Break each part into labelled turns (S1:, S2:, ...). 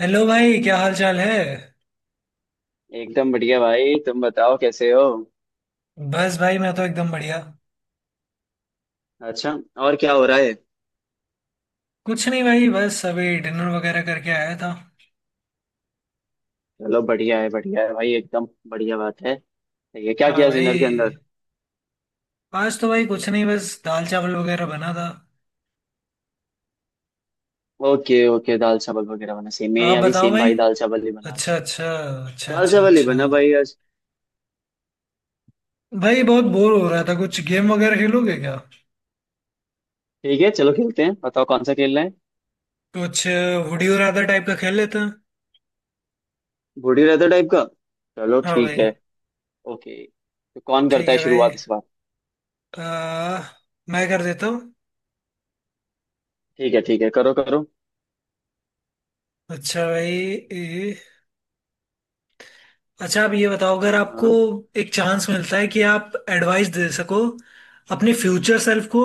S1: Hello भाई, क्या हाल चाल है।
S2: एकदम बढ़िया भाई। तुम बताओ कैसे हो।
S1: बस भाई, मैं तो एकदम बढ़िया।
S2: अच्छा। और क्या हो रहा है।
S1: कुछ नहीं भाई, बस अभी डिनर वगैरह करके आया था।
S2: चलो बढ़िया है भाई एकदम बढ़िया बात है। ये क्या
S1: हाँ
S2: किया
S1: भाई।
S2: डिनर के अंदर।
S1: आज तो भाई कुछ नहीं, बस दाल चावल वगैरह बना था।
S2: ओके ओके दाल चावल वगैरह बना सेम मेरे
S1: आप
S2: यहाँ भी
S1: बताओ
S2: सेम
S1: भाई।
S2: भाई दाल चावल ही बना
S1: अच्छा
S2: आज।
S1: अच्छा। अच्छा
S2: दाल
S1: अच्छा
S2: चावल ही बना
S1: अच्छा।
S2: भाई आज।
S1: भाई बहुत बोर हो रहा था, कुछ गेम वगैरह खेलोगे क्या?
S2: ठीक है चलो खेलते हैं बताओ कौन सा खेलना है।
S1: कुछ वुडी और राधा टाइप का खेल लेते हैं।
S2: बूढ़ी रहता टाइप का। चलो
S1: हाँ
S2: ठीक
S1: भाई।
S2: है। ओके तो कौन
S1: ठीक
S2: करता है
S1: है भाई।
S2: शुरुआत इस बार।
S1: आ, मैं कर देता हूँ।
S2: ठीक है करो करो।
S1: अच्छा भाई। ए, अच्छा आप ये बताओ, अगर
S2: हाँ
S1: आपको
S2: हाँ
S1: एक चांस मिलता है कि आप एडवाइस दे सको अपने फ्यूचर सेल्फ को,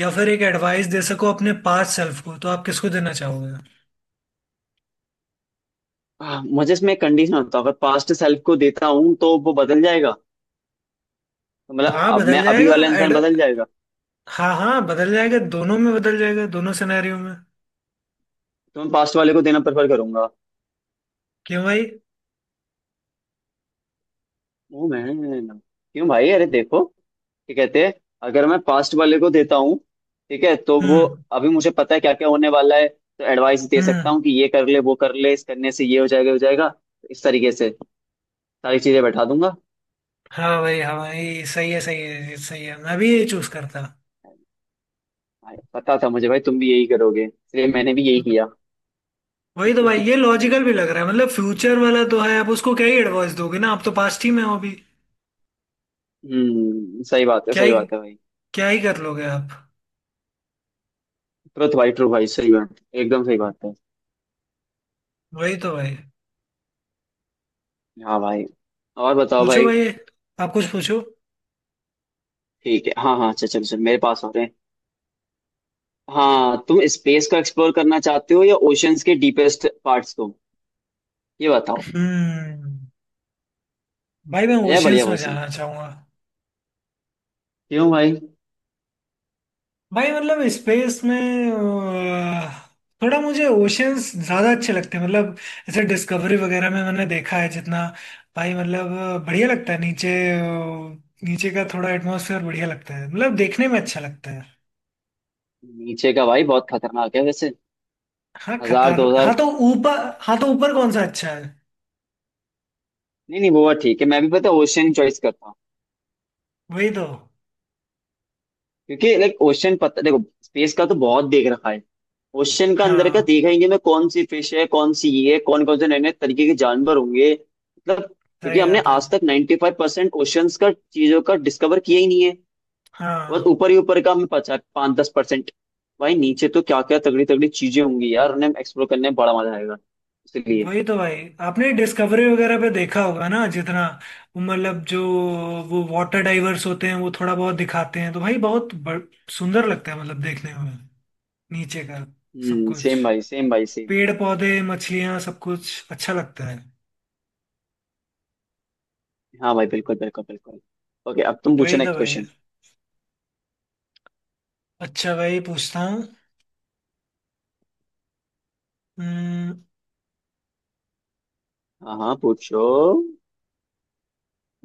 S1: या फिर एक एडवाइस दे सको अपने पास्ट सेल्फ को, तो आप किसको देना चाहोगे?
S2: हाँ, मुझे इसमें एक कंडीशन होता है अगर पास्ट सेल्फ को देता हूँ तो वो बदल जाएगा। तो मतलब
S1: हाँ
S2: अब
S1: बदल
S2: मैं अभी
S1: जाएगा।
S2: वाला
S1: एड
S2: इंसान बदल जाएगा।
S1: हाँ हाँ, बदल जाएगा, दोनों में बदल जाएगा, दोनों सिनेरियो में।
S2: तो मैं पास्ट वाले को देना प्रेफर करूंगा।
S1: क्यों भाई?
S2: ओ मैं क्यों भाई अरे देखो क्या कहते हैं। अगर मैं पास्ट वाले को देता हूँ ठीक है तो वो
S1: हम्म।
S2: अभी मुझे पता है क्या क्या होने वाला है तो एडवाइस दे सकता
S1: हम्म।
S2: हूँ कि ये कर ले वो कर ले इस करने से ये हो जाएगा हो जाएगा। इस तरीके से सारी चीजें बैठा दूंगा।
S1: हाँ भाई, हाँ भाई, सही है सही है सही है, मैं भी ये चूज करता।
S2: भाई, पता था मुझे भाई तुम भी यही करोगे इसलिए मैंने भी यही किया।
S1: वही तो भाई, ये लॉजिकल भी लग रहा है। मतलब फ्यूचर वाला तो है, आप उसको क्या ही एडवाइस दोगे ना, आप तो पास्ट ही में हो अभी। क्या
S2: सही
S1: ही,
S2: बात है भाई।
S1: क्या ही कर लोगे आप।
S2: ट्रुथ भाई ट्रू भाई सही बात एकदम सही बात है।
S1: वही तो भाई।
S2: हाँ भाई। और बताओ
S1: पूछो
S2: भाई।
S1: भाई, आप कुछ पूछो।
S2: ठीक है हाँ हाँ चल चल चल मेरे पास आ रहे हैं। हाँ तुम स्पेस को एक्सप्लोर करना चाहते हो या ओशंस के डीपेस्ट पार्ट्स को। ये बताओ।
S1: हम्म। भाई मैं
S2: यह
S1: ओशियंस
S2: बढ़िया
S1: में
S2: क्वेश्चन।
S1: जाना चाहूंगा।
S2: क्यों भाई।
S1: भाई मतलब स्पेस में थोड़ा मुझे ओशियंस ज्यादा अच्छे लगते हैं। मतलब जैसे डिस्कवरी वगैरह में मैंने देखा है जितना, भाई मतलब बढ़िया लगता है नीचे, नीचे का थोड़ा एटमॉस्फेयर बढ़िया लगता है, मतलब देखने में अच्छा लगता है।
S2: नीचे का भाई बहुत खतरनाक है वैसे।
S1: हाँ,
S2: हजार
S1: खतर
S2: दो
S1: हाँ
S2: हजार
S1: तो ऊपर, हाँ तो ऊपर कौन सा अच्छा है?
S2: नहीं नहीं वो बात ठीक है मैं भी पता ओशन चॉइस करता हूँ।
S1: वही तो।
S2: क्योंकि लाइक ओशन पता देखो स्पेस का तो बहुत देख रखा है। ओशन का अंदर का
S1: हाँ,
S2: देखेंगे ना कौन सी फिश है कौन सी ये है कौन कौन से नए नए तरीके के जानवर होंगे मतलब क्योंकि
S1: सही
S2: हमने
S1: बात है।
S2: आज तक 95% फाइव परसेंट ओशंस का चीजों का डिस्कवर किया ही नहीं है। बस
S1: हाँ,
S2: ऊपर ही ऊपर का हमें पता 5-10%। भाई नीचे तो क्या क्या तगड़ी तगड़ी चीजें होंगी यार उन्हें एक्सप्लोर करने में बड़ा मजा आएगा। इसलिए
S1: वही तो भाई। आपने डिस्कवरी वगैरह पे देखा होगा ना जितना, मतलब जो वो वाटर डाइवर्स होते हैं वो थोड़ा बहुत दिखाते हैं, तो भाई बहुत सुंदर लगता है, मतलब देखने में, नीचे का सब कुछ,
S2: सेम भाई सेम भाई सेम।
S1: पेड़ पौधे मछलियां, सब कुछ अच्छा लगता है।
S2: हाँ भाई बिल्कुल बिल्कुल बिल्कुल। ओके अब तुम पूछो
S1: वही तो
S2: नेक्स्ट
S1: भाई।
S2: क्वेश्चन।
S1: अच्छा भाई पूछता हूँ। हम्म,
S2: हाँ हाँ पूछो।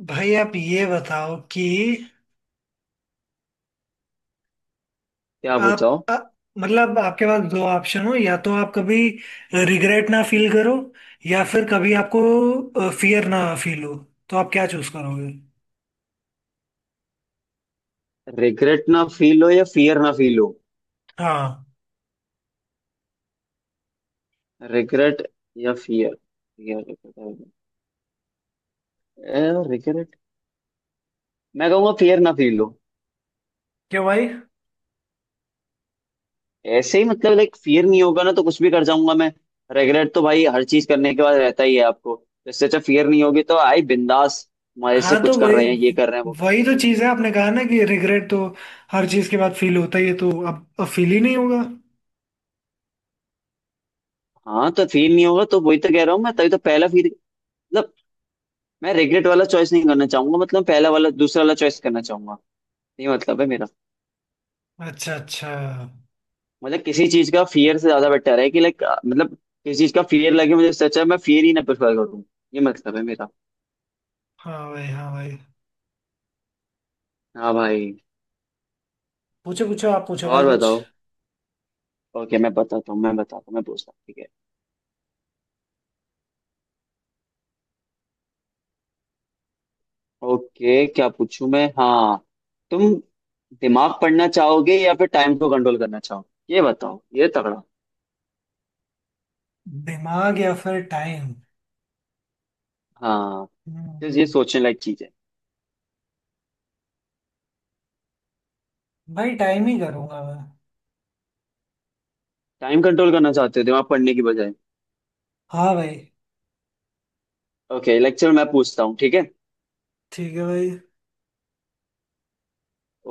S1: भाई आप ये बताओ कि,
S2: क्या
S1: आप
S2: पूछो।
S1: मतलब आपके पास दो ऑप्शन हो, या तो आप कभी रिग्रेट ना फील करो, या फिर कभी आपको फियर ना फील हो, तो आप क्या चूज करोगे?
S2: रिग्रेट ना फील हो या फियर ना फील हो।
S1: हाँ।
S2: रिग्रेट या फियर। रिग्रेट। मैं कहूंगा फियर ना फील हो।
S1: क्यों भाई?
S2: ऐसे ही मतलब लाइक फियर नहीं होगा ना तो कुछ भी कर जाऊंगा मैं। रेगुलेट तो भाई हर चीज करने के बाद रहता ही है आपको तो इससे अच्छा फियर नहीं होगी तो आई बिंदास मजे से
S1: हाँ तो
S2: कुछ कर
S1: वही,
S2: रहे हैं ये कर रहे हैं वो कर रहे
S1: वही तो चीज है, आपने कहा ना कि रिग्रेट तो हर चीज के बाद फील होता ही है, तो अब फील ही नहीं होगा।
S2: हैं। हाँ तो फील नहीं होगा तो वही तो कह रहा हूँ मैं तभी तो पहला फील मतलब मैं रिग्रेट वाला चॉइस नहीं करना चाहूंगा मतलब पहला वाला दूसरा वाला चॉइस करना चाहूंगा। ये मतलब है मेरा।
S1: अच्छा अच्छा।
S2: मतलब किसी चीज का फियर से ज्यादा बेटर है कि लाइक मतलब किसी चीज का फियर लगे मुझे इससे अच्छा है मैं फियर ही ना प्रेफर करूँ। ये मतलब है मेरा।
S1: हाँ भाई, हाँ भाई।
S2: हाँ भाई।
S1: पूछो पूछो, आप पूछो भाई
S2: और
S1: कुछ।
S2: बताओ। ओके मैं बताता हूँ मैं पूछता हूँ ठीक है। ओके क्या पूछूं मैं। हाँ तुम दिमाग पढ़ना चाहोगे या फिर टाइम को कंट्रोल करना चाहोगे ये बताओ ये तगड़ा।
S1: दिमाग या फिर टाइम?
S2: हाँ तो ये
S1: हम्म।
S2: सोचने लायक चीज है।
S1: भाई टाइम ही करूंगा मैं।
S2: टाइम कंट्रोल करना चाहते हो दिमाग पढ़ने की बजाय।
S1: हाँ भाई।
S2: ओके लेक्चर मैं पूछता हूँ ठीक है।
S1: ठीक है भाई।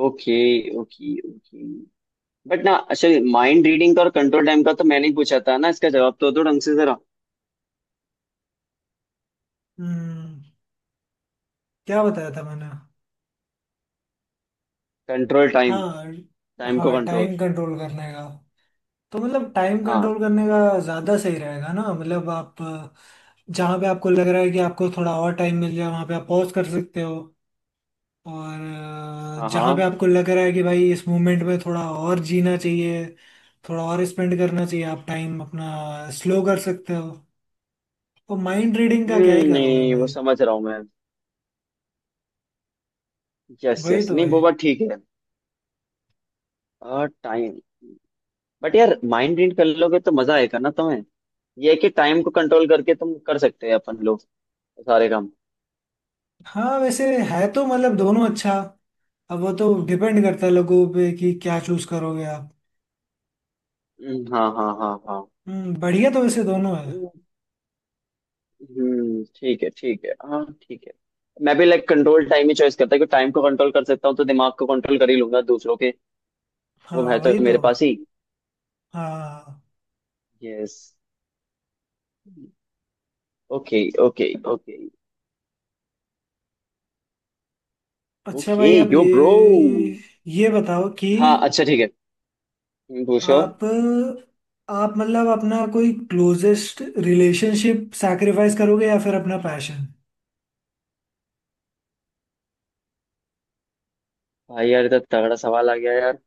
S2: Okay okay okay. बट ना अच्छा माइंड रीडिंग का और कंट्रोल टाइम का तो मैंने ही पूछा था ना इसका जवाब तो दो ढंग से जरा।
S1: हम्म। क्या बताया था मैंने?
S2: Control time.
S1: हाँ,
S2: टाइम को
S1: हाँ
S2: कंट्रोल।
S1: टाइम कंट्रोल करने का। तो मतलब टाइम
S2: हाँ
S1: कंट्रोल करने का ज़्यादा सही रहेगा ना। मतलब आप जहाँ पे आपको लग रहा है कि आपको थोड़ा और टाइम मिल जाए, वहाँ पे आप पॉज कर सकते हो, और
S2: हाँ
S1: जहाँ पे
S2: हाँ।
S1: आपको लग रहा है कि भाई इस मोमेंट में थोड़ा और जीना चाहिए, थोड़ा और स्पेंड करना चाहिए, आप टाइम अपना स्लो कर सकते हो। तो माइंड रीडिंग का क्या ही करोगे
S2: नहीं वो
S1: भाई।
S2: समझ रहा हूँ मैं। यस
S1: वही
S2: यस
S1: तो
S2: नहीं
S1: भाई।
S2: वो बात ठीक है। और टाइम। बट यार माइंड रीड कर लोगे तो मजा आएगा ना तुम्हें। ये है कि टाइम को कंट्रोल करके तुम कर सकते हैं अपन लोग सारे काम।
S1: हाँ वैसे है तो, मतलब दोनों अच्छा। अब वो तो डिपेंड करता है लोगों पे कि क्या चूज करोगे आप।
S2: हाँ हाँ हाँ हाँ।
S1: हम्म, बढ़िया, तो वैसे दोनों है।
S2: ठीक है हाँ ठीक है। मैं भी लाइक कंट्रोल टाइम ही चॉइस करता हूँ टाइम को कंट्रोल कर सकता हूँ तो दिमाग को कंट्रोल कर ही लूंगा दूसरों के। वो
S1: हाँ
S2: है तो
S1: वही
S2: मेरे
S1: तो।
S2: पास ही।
S1: हाँ।
S2: यस। Okay okay okay.
S1: अच्छा
S2: ओके
S1: भाई आप
S2: यो ब्रो।
S1: ये बताओ कि
S2: हाँ अच्छा ठीक है। पूछो।
S1: आप आप मतलब अपना कोई क्लोजेस्ट रिलेशनशिप सैक्रिफाइस करोगे, या फिर अपना पैशन?
S2: भाई यार इतना तगड़ा सवाल आ गया यार।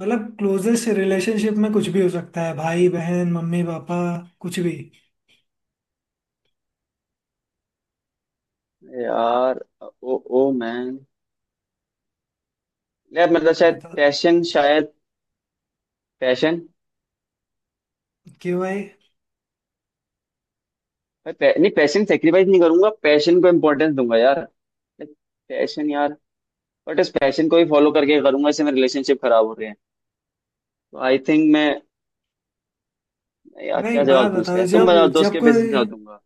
S1: मतलब क्लोजेस्ट रिलेशनशिप में कुछ भी हो सकता है, भाई बहन मम्मी पापा, कुछ भी।
S2: यार ओ ओ मैन। यार मतलब शायद
S1: बता।
S2: पैशन शायद पैशन।
S1: क्यों भाई?
S2: नहीं पैशन सेक्रीफाइस नहीं करूंगा पैशन को इम्पोर्टेंस दूंगा यार। पैशन यार। बट इस पैशन को ही फॉलो करके करूंगा इससे मेरे रिलेशनशिप खराब हो रहे हैं तो आई थिंक मैं यार
S1: भाई
S2: क्या
S1: एक
S2: जवाब
S1: बात
S2: दूं
S1: बताओ,
S2: उसका तुम
S1: जब
S2: बताओ दोस्त
S1: जब
S2: के बेसिस
S1: कोई,
S2: पे जवाब दूंगा।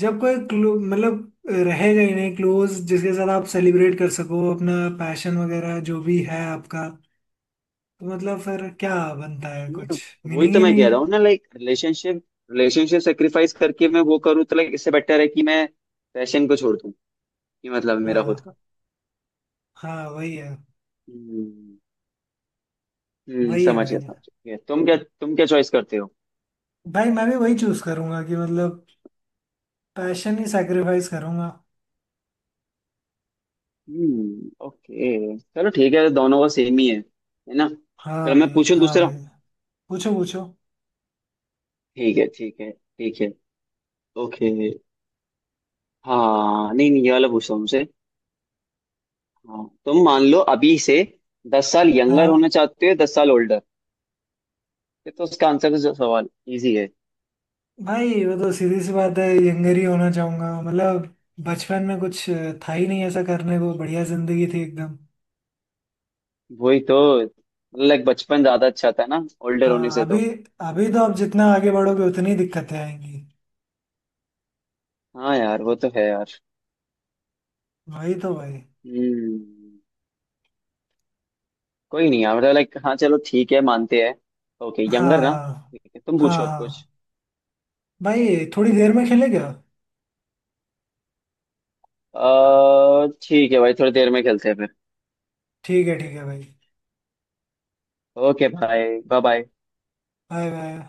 S1: जब कोई क्लो मतलब रहेगा ही नहीं, क्लोज जिसके साथ आप सेलिब्रेट कर सको अपना पैशन वगैरह जो भी है आपका, तो मतलब फिर क्या बनता है,
S2: नहीं
S1: कुछ
S2: वही
S1: मीनिंग
S2: तो
S1: ही
S2: मैं
S1: नहीं
S2: कह
S1: है।
S2: रहा हूँ ना लाइक रिलेशनशिप रिलेशनशिप सेक्रीफाइस करके मैं वो करूँ तो लाइक इससे बेटर है कि मैं पैशन को छोड़ दूं कि मतलब मेरा खुद
S1: हाँ।
S2: का।
S1: हाँ वही है।
S2: हम्म।
S1: वही है भाई।
S2: समझ गया तुम क्या चॉइस करते हो।
S1: भाई मैं भी वही चूज करूंगा कि मतलब पैशन ही सैक्रिफाइस करूंगा।
S2: ओके चलो ठीक है दोनों का सेम ही है ना
S1: हाँ
S2: चलो मैं
S1: भाई,
S2: पूछूं
S1: हाँ
S2: दूसरा।
S1: भाई। पूछो पूछो।
S2: ठीक है ठीक है ठीक है। ओके। हाँ नहीं नहीं ये वाला पूछता हूँ उसे। हाँ तुम मान लो अभी से 10 साल यंगर होना
S1: हाँ
S2: चाहते हो 10 साल ओल्डर। ये तो उसका आंसर का जो सवाल इजी है।
S1: भाई, वो तो सीधी सी बात है, यंगर ही होना चाहूंगा। मतलब बचपन में कुछ था ही नहीं ऐसा करने को, बढ़िया जिंदगी थी एकदम।
S2: वही तो लाइक बचपन ज्यादा अच्छा था ना ओल्डर होने
S1: हाँ
S2: से
S1: अभी
S2: तो।
S1: अभी तो आप जितना आगे बढ़ोगे, उतनी दिक्कतें आएंगी।
S2: हाँ यार वो तो है यार।
S1: वही तो भाई।
S2: हम्म। कोई नहीं यार मतलब लाइक हाँ चलो ठीक है मानते हैं। ओके यंगर ना।
S1: हाँ
S2: ठीक है तुम
S1: हाँ
S2: पूछो
S1: हाँ।
S2: अब
S1: हाँ
S2: कुछ।
S1: भाई, थोड़ी देर में खेले क्या?
S2: ठीक है भाई थोड़ी देर में खेलते हैं फिर।
S1: ठीक है भाई।
S2: ओके भाई बाय बाय।
S1: Bye bye.